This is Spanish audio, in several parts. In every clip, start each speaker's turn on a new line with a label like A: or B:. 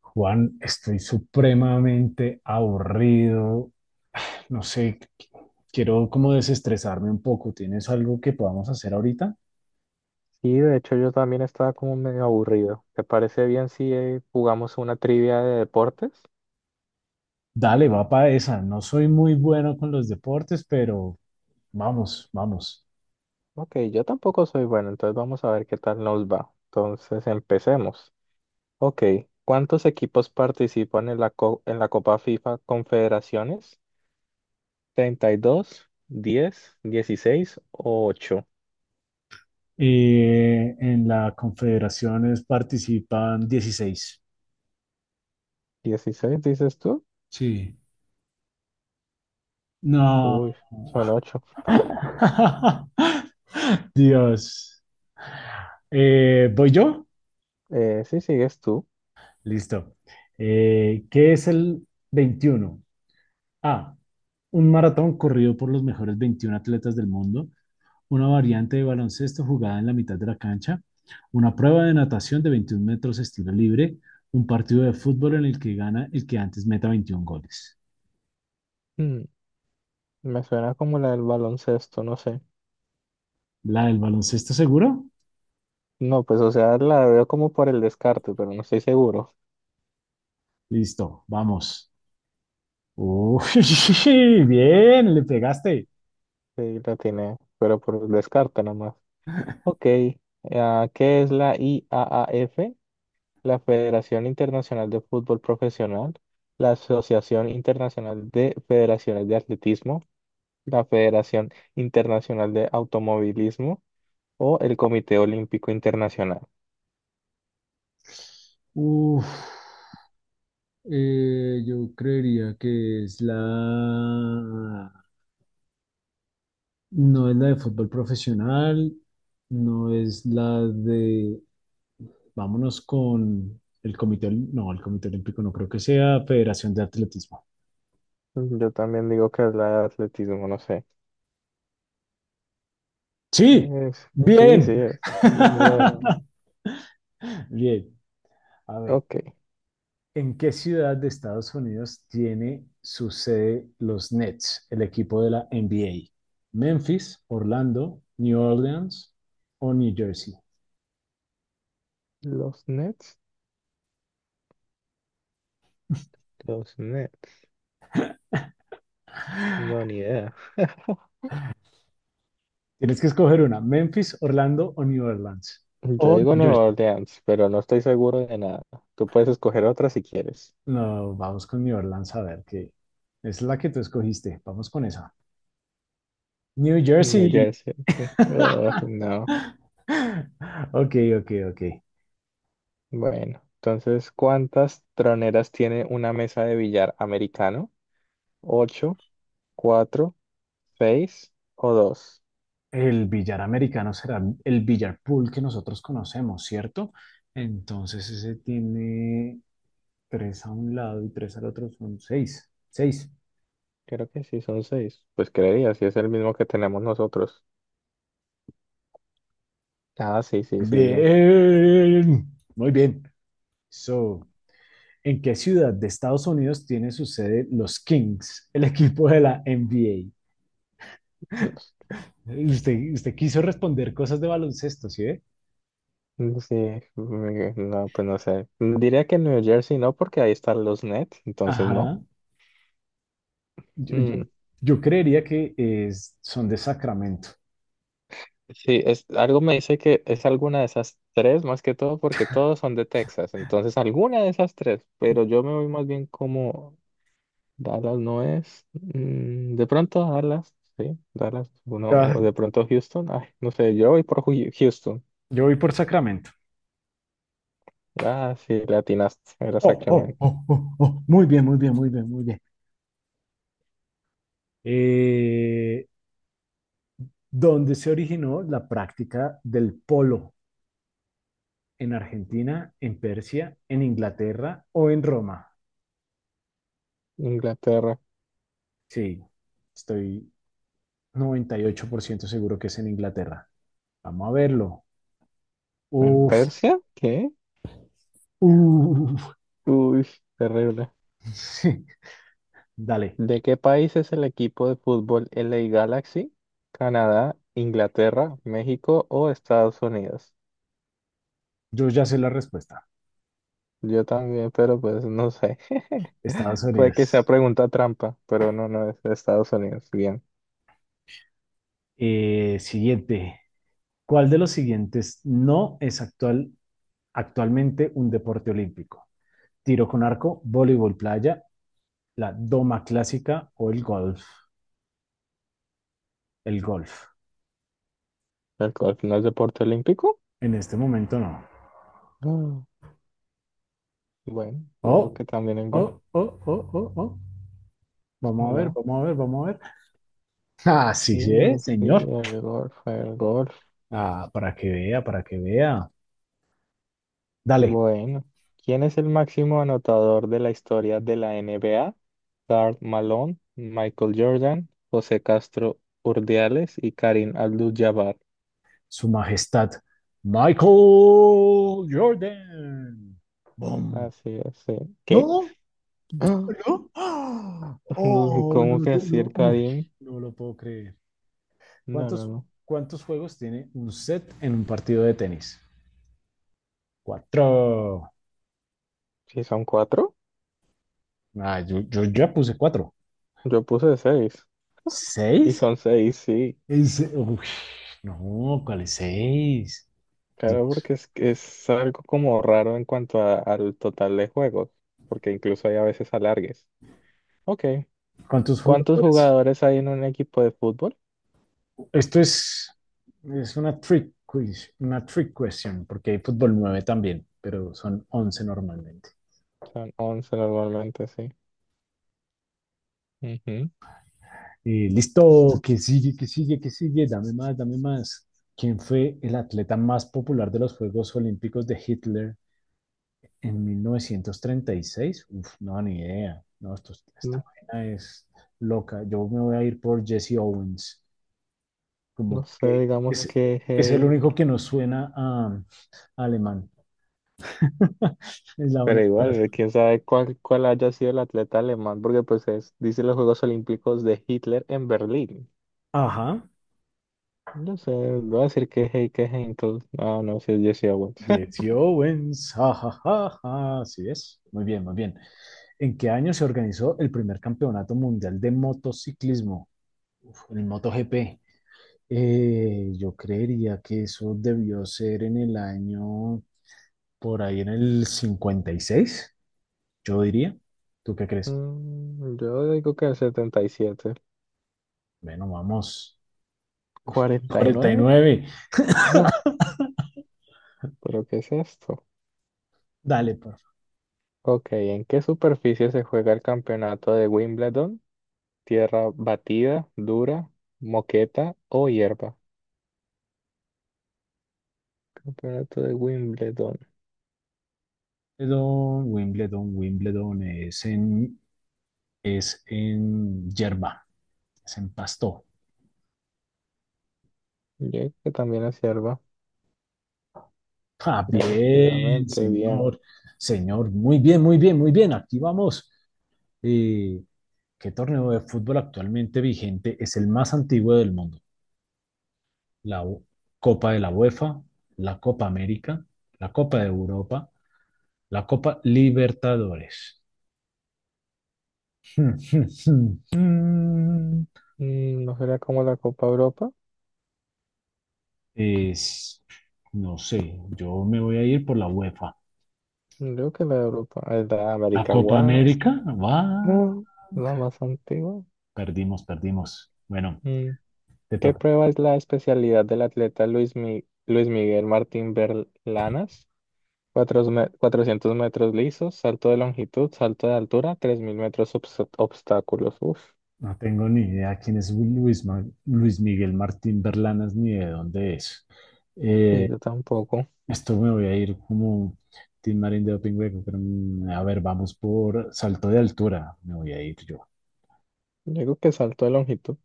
A: Juan, estoy supremamente aburrido. No sé, quiero como desestresarme un poco. ¿Tienes algo que podamos hacer ahorita?
B: Y de hecho yo también estaba como medio aburrido. ¿Te parece bien si jugamos una trivia de deportes?
A: Dale, va para esa. No soy muy bueno con los deportes, pero vamos, vamos.
B: Ok, yo tampoco soy bueno, entonces vamos a ver qué tal nos va. Entonces empecemos. Ok, ¿cuántos equipos participan en en la Copa FIFA Confederaciones? ¿32, 10, 16 o ocho?
A: En la Confederaciones participan 16.
B: ¿16 dices tú?
A: Sí. No.
B: Uy, son ocho.
A: Dios. ¿Voy yo?
B: Sí sigues tú.
A: Listo. ¿Qué es el 21? A. Un maratón corrido por los mejores 21 atletas del mundo, una variante de baloncesto jugada en la mitad de la cancha, una prueba de natación de 21 metros estilo libre, un partido de fútbol en el que gana el que antes meta 21 goles.
B: Hmm, Me suena como la del baloncesto, no sé.
A: ¿La del baloncesto seguro?
B: No, pues o sea, la veo como por el descarte, pero no estoy seguro.
A: Listo, vamos. Uy, bien, le pegaste.
B: Sí, la tiene, pero por el descarte nomás. Ok, ah, ¿qué es la IAAF? La Federación Internacional de Fútbol Profesional, la Asociación Internacional de Federaciones de Atletismo, la Federación Internacional de Automovilismo o el Comité Olímpico Internacional.
A: Uf, yo creería que es la. No es la de fútbol profesional, no es la de, vámonos con el comité, no, el comité olímpico no creo que sea, Federación de Atletismo.
B: Yo también digo que es la de atletismo, no sé.
A: Sí,
B: Sí, sí,
A: bien.
B: es. Bien, bien.
A: Bien, a ver,
B: Ok,
A: ¿en qué ciudad de Estados Unidos tiene su sede los Nets, el equipo de la NBA? ¿Memphis, Orlando, New Orleans o New Jersey?
B: los Nets. Los Nets, no, ni idea.
A: Tienes que escoger una, Memphis, Orlando o New Orleans.
B: Yo
A: O
B: digo
A: New Jersey.
B: Nueva Orleans, pero no estoy seguro de nada. Tú puedes escoger otra si quieres.
A: No, vamos con New Orleans a ver qué. Es la que tú escogiste. Vamos con esa. New
B: New
A: Jersey.
B: Jersey. Ay, no.
A: Ok, ok, ok.
B: Bueno, entonces, ¿cuántas troneras tiene una mesa de billar americano? ¿Ocho, cuatro, seis o dos?
A: El billar americano será el billar pool que nosotros conocemos, ¿cierto? Entonces ese tiene tres a un lado y tres al otro, son seis. Seis.
B: Creo que sí, son seis. Pues creería, si es el mismo que tenemos nosotros. Ah, sí, sí, sí, bien.
A: Bien. Muy bien. So, ¿en qué ciudad de Estados Unidos tiene su sede los Kings, el equipo de la NBA?
B: Los-
A: Usted quiso responder cosas de baloncesto, ¿sí ve?
B: Sí, no, pues no sé. Diría que New Jersey no, porque ahí están los Nets, entonces no.
A: Ajá. Yo,
B: Mm,
A: yo- yo creería que son de Sacramento.
B: sí, es, algo me dice que es alguna de esas tres, más que todo porque todos son de Texas, entonces alguna de esas tres, pero yo me voy más bien como Dallas no es, de pronto Dallas, sí, Dallas, uno,
A: Ah,
B: o de pronto Houston, ay, no sé, yo voy por Houston.
A: yo voy por Sacramento.
B: Ah, sí, latinaste, era
A: Oh, oh,
B: Sacramento.
A: oh, oh, oh. Muy bien, muy bien, muy bien, muy bien. Eh, ¿Dónde se originó la práctica del polo? ¿En Argentina, en Persia, en Inglaterra o en Roma?
B: Inglaterra.
A: Sí, estoy, 98% seguro que es en Inglaterra. Vamos a verlo.
B: ¿En
A: Uf,
B: Persia? ¿Qué?
A: uf.
B: Uy, terrible.
A: Sí, dale.
B: ¿De qué país es el equipo de fútbol LA Galaxy? ¿Canadá, Inglaterra, México o Estados Unidos?
A: Yo ya sé la respuesta.
B: Yo también, pero pues no sé.
A: Estados
B: Puede que sea
A: Unidos.
B: pregunta trampa, pero no, no es de Estados Unidos. Bien.
A: Siguiente. ¿Cuál de los siguientes no es actual, ¿Actualmente un deporte olímpico? Tiro con arco, voleibol playa, la doma clásica o el golf. El golf.
B: ¿El golf no es deporte olímpico?
A: En este momento no.
B: Ah, bueno, yo digo
A: Oh,
B: que también el golf,
A: oh, oh, oh, oh, oh. Vamos a ver,
B: ¿verdad?
A: vamos a ver, vamos a ver. Ah, sí,
B: Sí,
A: sí, ¿eh?
B: sí,
A: Señor.
B: el golf, el golf.
A: Ah, para que vea, para que vea. Dale,
B: Bueno, ¿quién es el máximo anotador de la historia de la NBA? Karl Malone, Michael Jordan, José Castro Urdiales y Karim Abdul-Jabbar.
A: Su Majestad Michael Jordan. Boom.
B: Así es, sí. ¿Qué?
A: No,
B: Ah,
A: no. ¡Ah!
B: no,
A: Oh,
B: ¿cómo
A: no,
B: que así
A: no,
B: el
A: uy,
B: Karim?
A: no lo puedo creer.
B: No, no,
A: ¿Cuántos,
B: no.
A: ¿Cuántos juegos tiene un set en un partido de tenis? Cuatro.
B: ¿Sí son cuatro?
A: Ah, yo ya puse cuatro.
B: Yo puse seis. Y
A: ¿Seis?
B: son seis, sí.
A: Uy, no, ¿cuál es seis? Dios.
B: Claro, porque es algo como raro en cuanto al total de juegos, porque incluso hay a veces alargues. Ok.
A: ¿Cuántos
B: ¿Cuántos
A: jugadores?
B: jugadores hay en un equipo de fútbol?
A: Esto es, es una trick quiz, una trick question, porque hay fútbol 9 también, pero son 11 normalmente.
B: Son 11 normalmente, sí. Ujú.
A: Listo, que sigue, que sigue, que sigue, dame más, dame más. ¿Quién fue el atleta más popular de los Juegos Olímpicos de Hitler en 1936? Uf, no, ni idea. No,
B: Mm,
A: esta vaina es loca. Yo me voy a ir por Jesse Owens, como
B: No sé,
A: que
B: digamos
A: es,
B: que,
A: es el único que nos suena a alemán. Es la
B: pero
A: única.
B: igual, quién sabe cuál haya sido el atleta alemán, porque pues es, dice los Juegos Olímpicos de Hitler en Berlín.
A: Ajá,
B: No sé, voy a decir que es Heike Henkel. Ah, no, si es Jesse Owens.
A: Jesse Owens, jajajaja, así es. Muy bien, muy bien. ¿En qué año se organizó el primer campeonato mundial de motociclismo? Uf, el MotoGP. Yo creería que eso debió ser en el año, por ahí en el 56, yo diría. ¿Tú qué crees?
B: Yo digo que el 77.
A: Bueno, vamos. cuarenta y
B: ¿49?
A: nueve.
B: No, pero ¿qué es esto?
A: Dale, por favor.
B: Ok, ¿en qué superficie se juega el campeonato de Wimbledon? ¿Tierra batida, dura, moqueta o hierba? Campeonato de Wimbledon.
A: Wimbledon, Wimbledon, es en hierba, es en pasto.
B: Yo creo que también es hierba.
A: Ah, bien,
B: Efectivamente, bien.
A: señor, señor, muy bien, muy bien, muy bien, aquí vamos. Eh, ¿Qué torneo de fútbol actualmente vigente es el más antiguo del mundo? La Copa de la UEFA, la Copa América, la Copa de Europa, la Copa Libertadores.
B: ¿No será como la Copa Europa?
A: Es, no sé, yo me voy a ir por la UEFA.
B: Creo que la de Europa, es la
A: La
B: América
A: Copa
B: What?
A: América, va.
B: Ah, la más antigua.
A: Perdimos, perdimos. Bueno,
B: Mm,
A: te
B: ¿Qué
A: toca.
B: prueba es la especialidad del atleta Luis Miguel Martín Berlanas? 400 metros lisos, salto de longitud, salto de altura, 3000 metros obstáculos. Uf,
A: No tengo ni idea quién es Luis Miguel Martín Berlanas ni de dónde es.
B: sí,
A: Eh,
B: yo tampoco.
A: Esto me voy a ir como Tim Marín de Doping Hueco, pero a ver, vamos por salto de altura. Me voy a ir yo.
B: Yo digo que salto de longitud,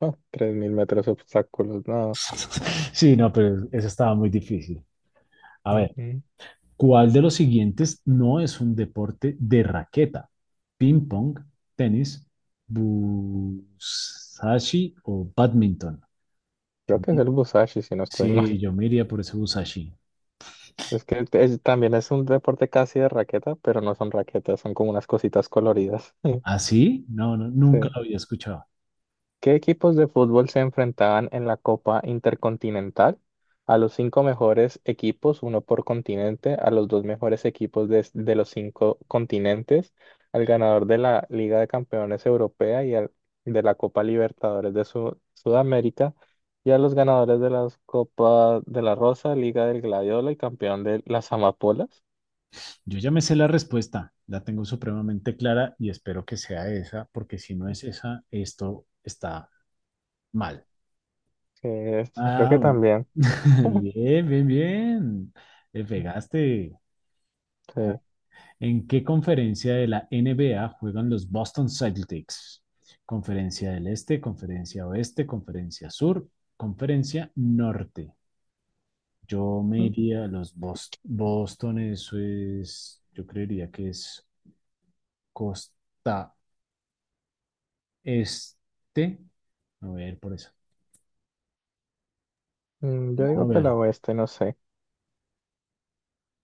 B: ah, 3000 metros obstáculos, nada.
A: Sí, no, pero eso estaba muy difícil. A ver,
B: Ujú.
A: ¿cuál de los siguientes no es un deporte de raqueta? ¿Ping pong, tenis, busashi o badminton?
B: Creo
A: Yo,
B: que es el Busashi, si no estoy mal.
A: sí, yo me iría por ese busashi.
B: Es que también es un deporte casi de raqueta, pero no son raquetas, son como unas cositas coloridas.
A: ¿Ah, sí? No, no, nunca
B: Sí.
A: lo había escuchado.
B: ¿Qué equipos de fútbol se enfrentaban en la Copa Intercontinental? A los cinco mejores equipos, uno por continente, a los dos mejores equipos de los cinco continentes, al ganador de la Liga de Campeones Europea y al, de la Copa Libertadores de Sudamérica, y a los ganadores de las Copa de la Rosa, Liga del Gladiola y campeón de las Amapolas.
A: Yo ya me sé la respuesta, la tengo supremamente clara y espero que sea esa, porque si no es esa, esto está mal.
B: Sí, creo que
A: Ah,
B: también.
A: bien, bien, bien. Le pegaste. Ah,
B: Sí.
A: ¿en qué conferencia de la NBA juegan los Boston Celtics? Conferencia del Este, Conferencia Oeste, Conferencia Sur, Conferencia Norte. Yo me iría a los Boston, eso es, yo creería que es costa este. A ver, por eso.
B: Yo
A: A
B: digo que
A: ver.
B: la oeste, no sé.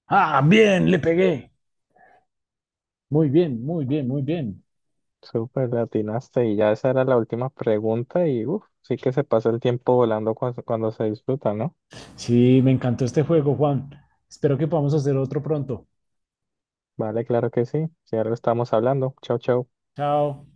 A: Ah, bien, le pegué. Muy bien, muy bien, muy bien.
B: Súper latinaste y ya esa era la última pregunta y uf, sí que se pasa el tiempo volando cuando se disfruta, ¿no?
A: Sí, me encantó este juego, Juan. Espero que podamos hacer otro pronto.
B: Vale, claro que sí. Si algo estamos hablando. Chau, chau.
A: Chao.